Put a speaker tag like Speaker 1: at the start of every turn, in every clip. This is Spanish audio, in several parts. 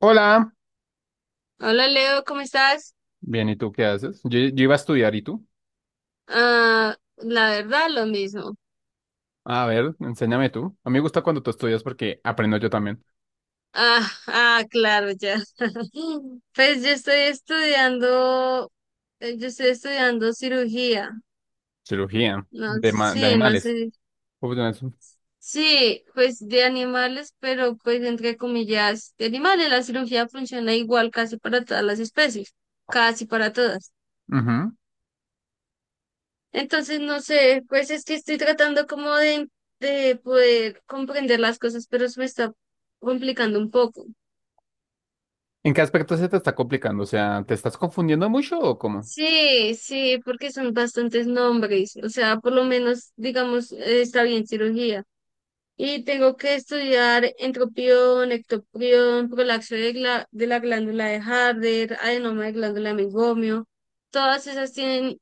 Speaker 1: Hola.
Speaker 2: Hola Leo, ¿cómo estás?
Speaker 1: Bien, ¿y tú qué haces? Yo iba a estudiar, ¿y tú?
Speaker 2: Ah, la verdad, lo mismo.
Speaker 1: A ver, enséñame tú. A mí me gusta cuando tú estudias porque aprendo yo también.
Speaker 2: Ah, claro, ya. Pues yo estoy estudiando cirugía.
Speaker 1: Cirugía
Speaker 2: No
Speaker 1: de
Speaker 2: sé, no
Speaker 1: animales.
Speaker 2: sé.
Speaker 1: Uy, no, eso.
Speaker 2: Sí, pues de animales, pero pues entre comillas, de animales, la cirugía funciona igual casi para todas las especies, casi para todas.
Speaker 1: Ujú.
Speaker 2: Entonces, no sé, pues es que estoy tratando como de poder comprender las cosas, pero se me está complicando un poco.
Speaker 1: ¿En qué aspecto se te está complicando? O sea, ¿te estás confundiendo mucho o cómo?
Speaker 2: Sí, sí, porque son bastantes nombres, o sea, por lo menos, digamos, está bien cirugía. Y tengo que estudiar entropión, ectoprión, prolapso de la glándula de Harder, adenoma de glándula de meiomio. Todas esas tienen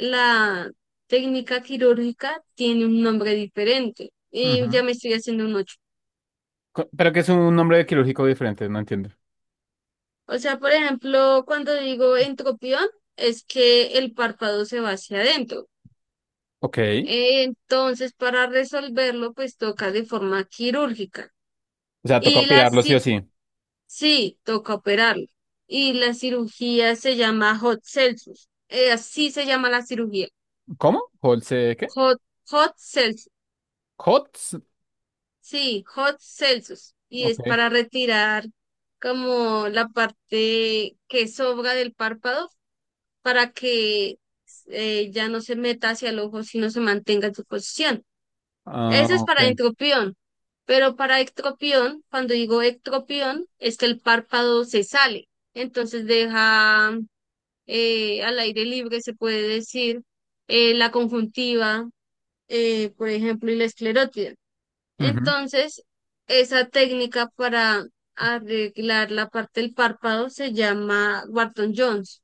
Speaker 2: la técnica quirúrgica, tiene un nombre diferente y ya
Speaker 1: Ujú.
Speaker 2: me estoy haciendo un ocho.
Speaker 1: Pero que es un nombre quirúrgico diferente, no entiendo.
Speaker 2: O sea, por ejemplo, cuando digo entropión, es que el párpado se va hacia adentro.
Speaker 1: Ok.
Speaker 2: Entonces, para resolverlo, pues toca de forma quirúrgica.
Speaker 1: O sea, toca
Speaker 2: Y la
Speaker 1: operarlo sí o
Speaker 2: ci-
Speaker 1: sí.
Speaker 2: sí, toca operarlo. Y la cirugía se llama Hot Celsus. Así se llama la cirugía.
Speaker 1: ¿Cómo? ¿Holse qué?
Speaker 2: Hot, hot Celsus.
Speaker 1: ¿Hots?
Speaker 2: Sí, Hot Celsus. Y
Speaker 1: Ok.
Speaker 2: es para retirar como la parte que sobra del párpado para que ya no se meta hacia el ojo, sino se mantenga en su posición.
Speaker 1: Ah,
Speaker 2: Ese es
Speaker 1: ok.
Speaker 2: para entropión, pero para ectropión, cuando digo ectropión, es que el párpado se sale, entonces deja al aire libre, se puede decir, la conjuntiva, por ejemplo, y la esclerótida.
Speaker 1: Ujú.
Speaker 2: Entonces, esa técnica para arreglar la parte del párpado se llama Wharton-Jones.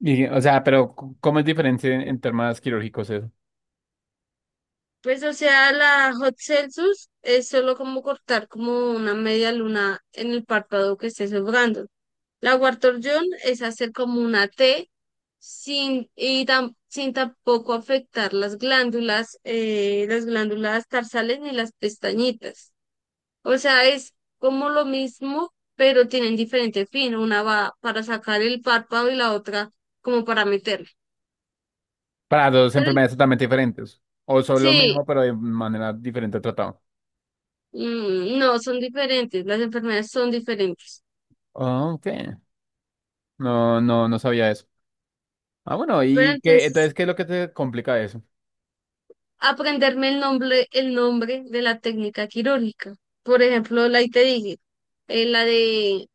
Speaker 1: Y, o sea, pero ¿cómo es diferente en temas quirúrgicos eso?
Speaker 2: Pues, o sea, la Hot Celsus es solo como cortar como una media luna en el párpado que esté sobrando. La Wartorjón es hacer como una T sin tampoco afectar las glándulas tarsales ni las pestañitas. O sea, es como lo mismo, pero tienen diferente fin. Una va para sacar el párpado y la otra como para meterlo.
Speaker 1: Para dos
Speaker 2: Pero
Speaker 1: enfermedades totalmente diferentes. O son lo
Speaker 2: sí,
Speaker 1: mismo, pero de manera diferente tratado.
Speaker 2: no, son diferentes. Las enfermedades son diferentes.
Speaker 1: Ah, ok. No, no, no sabía eso. Ah, bueno,
Speaker 2: Pero
Speaker 1: ¿y qué?
Speaker 2: entonces
Speaker 1: Entonces, ¿qué es lo que te complica eso?
Speaker 2: aprenderme el nombre de la técnica quirúrgica. Por ejemplo, la que te dije, la de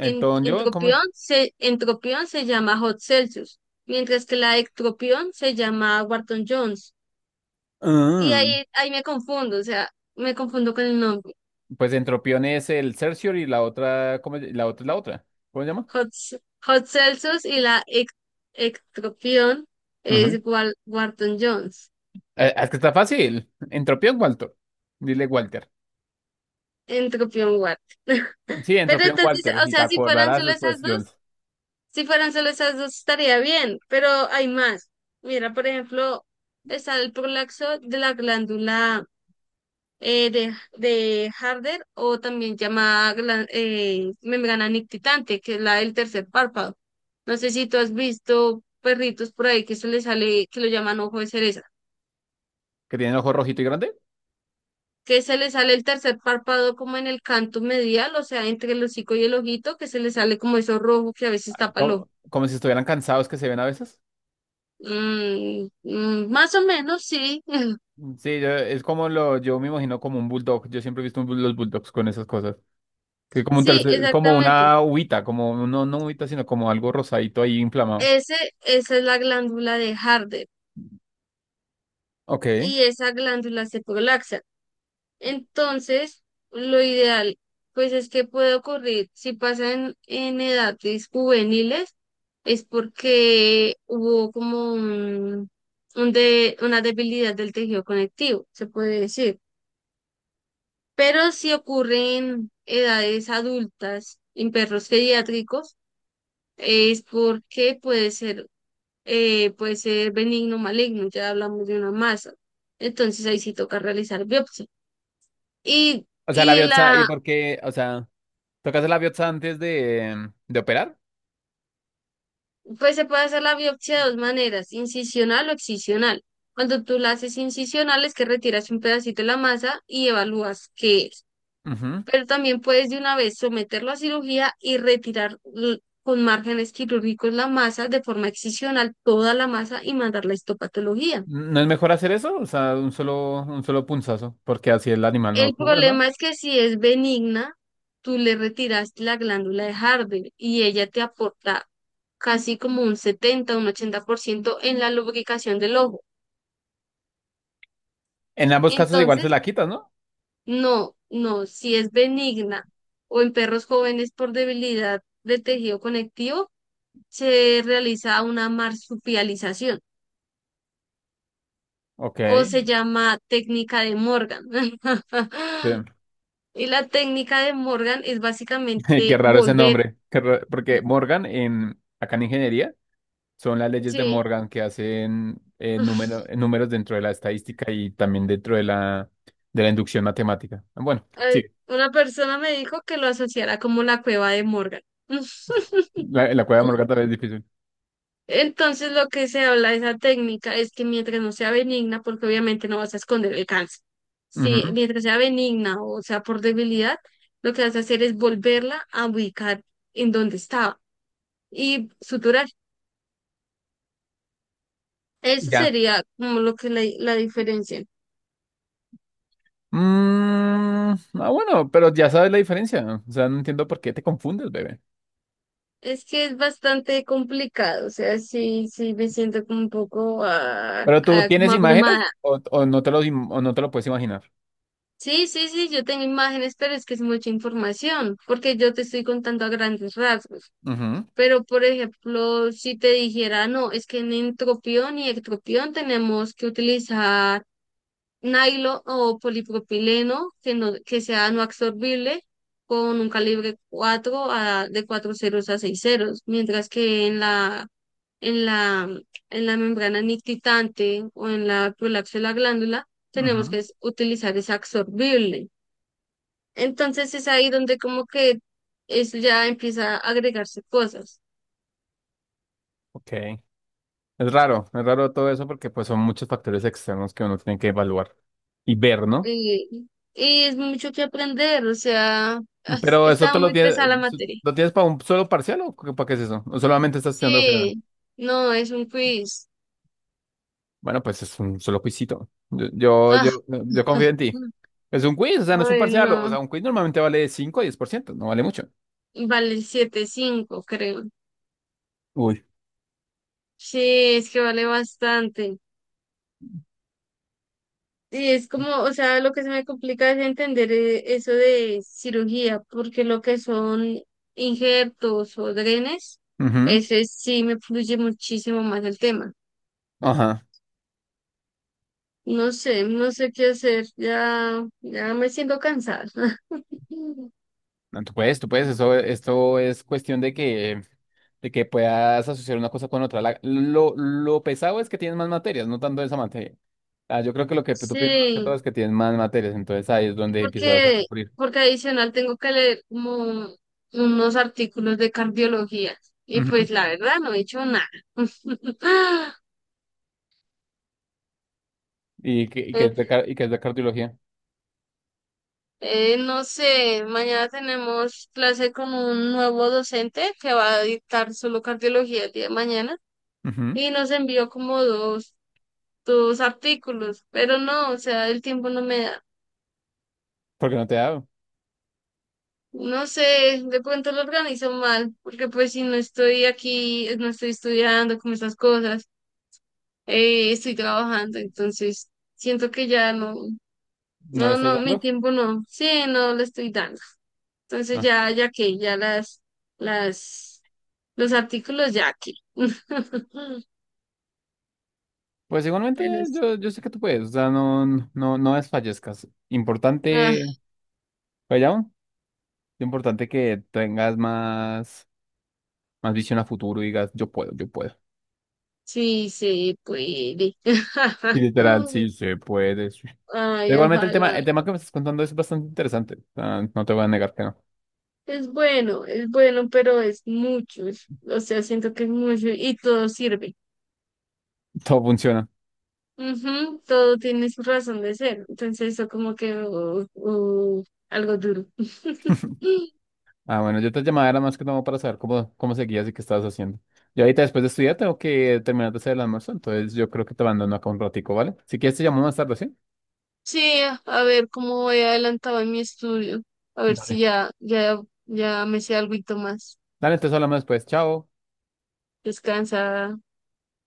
Speaker 1: yo, ¿cómo es?
Speaker 2: entropión se llama Hot Celsius, mientras que la de ectropión se llama Wharton Jones. Y
Speaker 1: Ah,
Speaker 2: ahí me confundo, o sea, me confundo con el nombre.
Speaker 1: pues entropión es el Cercior y la otra, ¿cómo es? La otra es la otra. ¿Cómo se llama?
Speaker 2: Hot, Ce- Hot Celsius y la ectropión
Speaker 1: Ajá.
Speaker 2: es Wharton Jones.
Speaker 1: Es que está fácil. Entropión Walter. Dile Walter.
Speaker 2: Entropión Wharton.
Speaker 1: Sí,
Speaker 2: Pero
Speaker 1: entropión
Speaker 2: entonces,
Speaker 1: Walter.
Speaker 2: o
Speaker 1: Y te
Speaker 2: sea, si fueran
Speaker 1: acordarás
Speaker 2: solo esas
Speaker 1: después,
Speaker 2: dos,
Speaker 1: Jones,
Speaker 2: Si fueran solo esas dos estaría bien, pero hay más. Mira, por ejemplo, está el prolaxo de la glándula de Harder o también llamada membrana nictitante, que es la del tercer párpado. No sé si tú has visto perritos por ahí que se les sale, que lo llaman ojo de cereza,
Speaker 1: que tiene el ojo rojito y grande.
Speaker 2: que se les sale el tercer párpado como en el canto medial, o sea, entre el hocico y el ojito, que se les sale como eso rojo que a veces tapa el ojo.
Speaker 1: Como, como si estuvieran cansados que se ven a veces.
Speaker 2: Mm, mm, más o menos, sí.
Speaker 1: Sí, es como lo, yo me imagino como un bulldog. Yo siempre he visto un los bulldogs con esas cosas. Que como un
Speaker 2: Sí,
Speaker 1: es como
Speaker 2: exactamente.
Speaker 1: una uvita, como no, no uvita, sino como algo rosadito ahí inflamado.
Speaker 2: Ese, esa es la glándula de Harder
Speaker 1: Ok.
Speaker 2: y esa glándula se prolaxa. Entonces, lo ideal, pues es que puede ocurrir si pasa en edades juveniles, es porque hubo como una debilidad del tejido conectivo, se puede decir. Pero si ocurre en edades adultas, en perros pediátricos, es porque puede ser benigno, maligno, ya hablamos de una masa. Entonces ahí sí toca realizar biopsia. Y,
Speaker 1: O sea, la
Speaker 2: y
Speaker 1: biopsia, ¿y
Speaker 2: la,
Speaker 1: por qué? O sea, ¿tocas la biopsia antes de operar?
Speaker 2: pues se puede hacer la biopsia de dos maneras, incisional o excisional. Cuando tú la haces incisional es que retiras un pedacito de la masa y evalúas qué es.
Speaker 1: Ujú.
Speaker 2: Pero también puedes de una vez someterlo a cirugía y retirar con márgenes quirúrgicos la masa de forma excisional, toda la masa y mandarla la histopatología.
Speaker 1: ¿No es mejor hacer eso? O sea, un solo punzazo, porque así el animal no
Speaker 2: El
Speaker 1: sufre, ¿no?
Speaker 2: problema es que si es benigna, tú le retiraste la glándula de Harvey y ella te aporta casi como un 70 un 80% en la lubricación del ojo.
Speaker 1: En ambos casos igual se
Speaker 2: Entonces,
Speaker 1: la quitas, ¿no?
Speaker 2: no, no, si es benigna o en perros jóvenes por debilidad de tejido conectivo, se realiza una marsupialización
Speaker 1: Ok.
Speaker 2: o se llama técnica de Morgan.
Speaker 1: Sí.
Speaker 2: Y la técnica de Morgan es
Speaker 1: Qué
Speaker 2: básicamente
Speaker 1: raro ese
Speaker 2: volver,
Speaker 1: nombre. Porque Morgan en acá en ingeniería. Son las leyes de
Speaker 2: sí.
Speaker 1: Morgan que hacen números dentro de la estadística y también dentro de la inducción matemática. Bueno, sí,
Speaker 2: Una persona me dijo que lo asociara como la cueva de Morgan.
Speaker 1: la cueva de Morgan también es difícil.
Speaker 2: Entonces lo que se habla de esa técnica es que mientras no sea benigna, porque obviamente no vas a esconder el cáncer,
Speaker 1: Ujú,
Speaker 2: si mientras sea benigna o sea por debilidad, lo que vas a hacer es volverla a ubicar en donde estaba y suturar.
Speaker 1: y
Speaker 2: Eso
Speaker 1: ya.
Speaker 2: sería como lo que la diferencia.
Speaker 1: Mm, ah, bueno, pero ya sabes la diferencia. O sea, no entiendo por qué te confundes, bebé.
Speaker 2: Es que es bastante complicado, o sea, sí, sí me siento como un poco
Speaker 1: ¿Pero tú tienes
Speaker 2: como
Speaker 1: imágenes
Speaker 2: abrumada.
Speaker 1: o no te los o no te lo puedes imaginar?
Speaker 2: Sí, sí, sí, yo tengo imágenes, pero es que es mucha información, porque yo te estoy contando a grandes rasgos.
Speaker 1: Ujú,
Speaker 2: Pero, por ejemplo, si te dijera, no, es que en entropión y ectropión tenemos que utilizar nylon o polipropileno que, no, que sea no absorbible con un calibre de 4 ceros a 6 ceros, mientras que en la, en la membrana nictitante o en la prolapso de la glándula tenemos
Speaker 1: ujú,
Speaker 2: que utilizar es absorbible. Entonces es ahí donde como que eso ya empieza a agregarse cosas.
Speaker 1: ok. Es raro todo eso porque pues son muchos factores externos que uno tiene que evaluar y ver, ¿no?
Speaker 2: eh, y es mucho que aprender, o sea,
Speaker 1: Pero eso
Speaker 2: está
Speaker 1: tú
Speaker 2: muy pesada la materia.
Speaker 1: lo tienes para un solo parcial o para qué es eso? ¿O solamente estás estudiando general?
Speaker 2: Sí, no, es un quiz.
Speaker 1: Bueno, pues es un solo quizito. Yo, yo, yo,
Speaker 2: Ah,
Speaker 1: yo confío en ti. Es un quiz, o sea, no es un
Speaker 2: ay,
Speaker 1: parcial. O
Speaker 2: no,
Speaker 1: sea, un quiz normalmente vale 5 o diez por ciento no vale mucho.
Speaker 2: vale 7,5 creo.
Speaker 1: Uy.
Speaker 2: Sí, es que vale bastante. Sí, es como, o sea, lo que se me complica es entender eso de cirugía, porque lo que son injertos o drenes,
Speaker 1: Ujú,
Speaker 2: ese sí me fluye muchísimo más el tema.
Speaker 1: ajá.
Speaker 2: No sé, no sé qué hacer, ya, ya me siento cansada.
Speaker 1: No, tú puedes, tú puedes. Eso, esto es cuestión de que puedas asociar una cosa con otra. Lo pesado es que tienes más materias, no tanto esa materia. Ah, yo creo que lo que tú piensas más que todo
Speaker 2: Sí,
Speaker 1: es que tienes más materias, entonces ahí es donde empiezas a
Speaker 2: porque,
Speaker 1: sufrir.
Speaker 2: porque adicional tengo que leer como unos artículos de cardiología, y
Speaker 1: Ujú.
Speaker 2: pues la verdad no he hecho nada.
Speaker 1: Y que es de cardiología.
Speaker 2: No sé, mañana tenemos clase con un nuevo docente que va a dictar solo cardiología el día de mañana
Speaker 1: Ujú.
Speaker 2: y nos envió como dos artículos, pero no, o sea, el tiempo no me da.
Speaker 1: Porque no te da,
Speaker 2: No sé, de pronto lo organizo mal, porque pues si no estoy aquí, no estoy estudiando como esas cosas, estoy trabajando, entonces siento que ya no,
Speaker 1: no le
Speaker 2: no,
Speaker 1: estás
Speaker 2: no, mi
Speaker 1: dando.
Speaker 2: tiempo no, sí, no lo estoy dando. Entonces
Speaker 1: Ah,
Speaker 2: ya, ya que, ya las Los artículos ya aquí.
Speaker 1: pues
Speaker 2: Pero
Speaker 1: igualmente yo,
Speaker 2: sí.
Speaker 1: yo sé que tú puedes, o sea, no, no, no desfallezcas.
Speaker 2: Ah,
Speaker 1: Importante, vaya, importante que tengas más visión a futuro y digas, yo puedo, yo puedo.
Speaker 2: sí, se puede.
Speaker 1: Y literal,
Speaker 2: Mm,
Speaker 1: sí, se puede. Sí. Pero
Speaker 2: Ay,
Speaker 1: igualmente
Speaker 2: ojalá.
Speaker 1: el tema que me estás contando es bastante interesante. O sea, no te voy a negar que no.
Speaker 2: Es bueno, pero es mucho. O sea, siento que es mucho y todo sirve.
Speaker 1: Todo funciona.
Speaker 2: Ujú, todo tiene su razón de ser. Entonces, eso como que algo duro.
Speaker 1: Ah, bueno, yo te llamaba era más que todo para saber cómo seguías y qué estabas haciendo. Yo ahorita después de estudiar tengo que terminar de hacer el almuerzo, entonces yo creo que te abandono acá un ratico, ¿vale? Si quieres te llamo más tarde, ¿sí?
Speaker 2: Sí, a ver cómo voy adelantado en mi estudio. A ver si
Speaker 1: Dale.
Speaker 2: ya, ya, ya me sé algo más.
Speaker 1: Dale, entonces hablamos después. Chao.
Speaker 2: Descansa.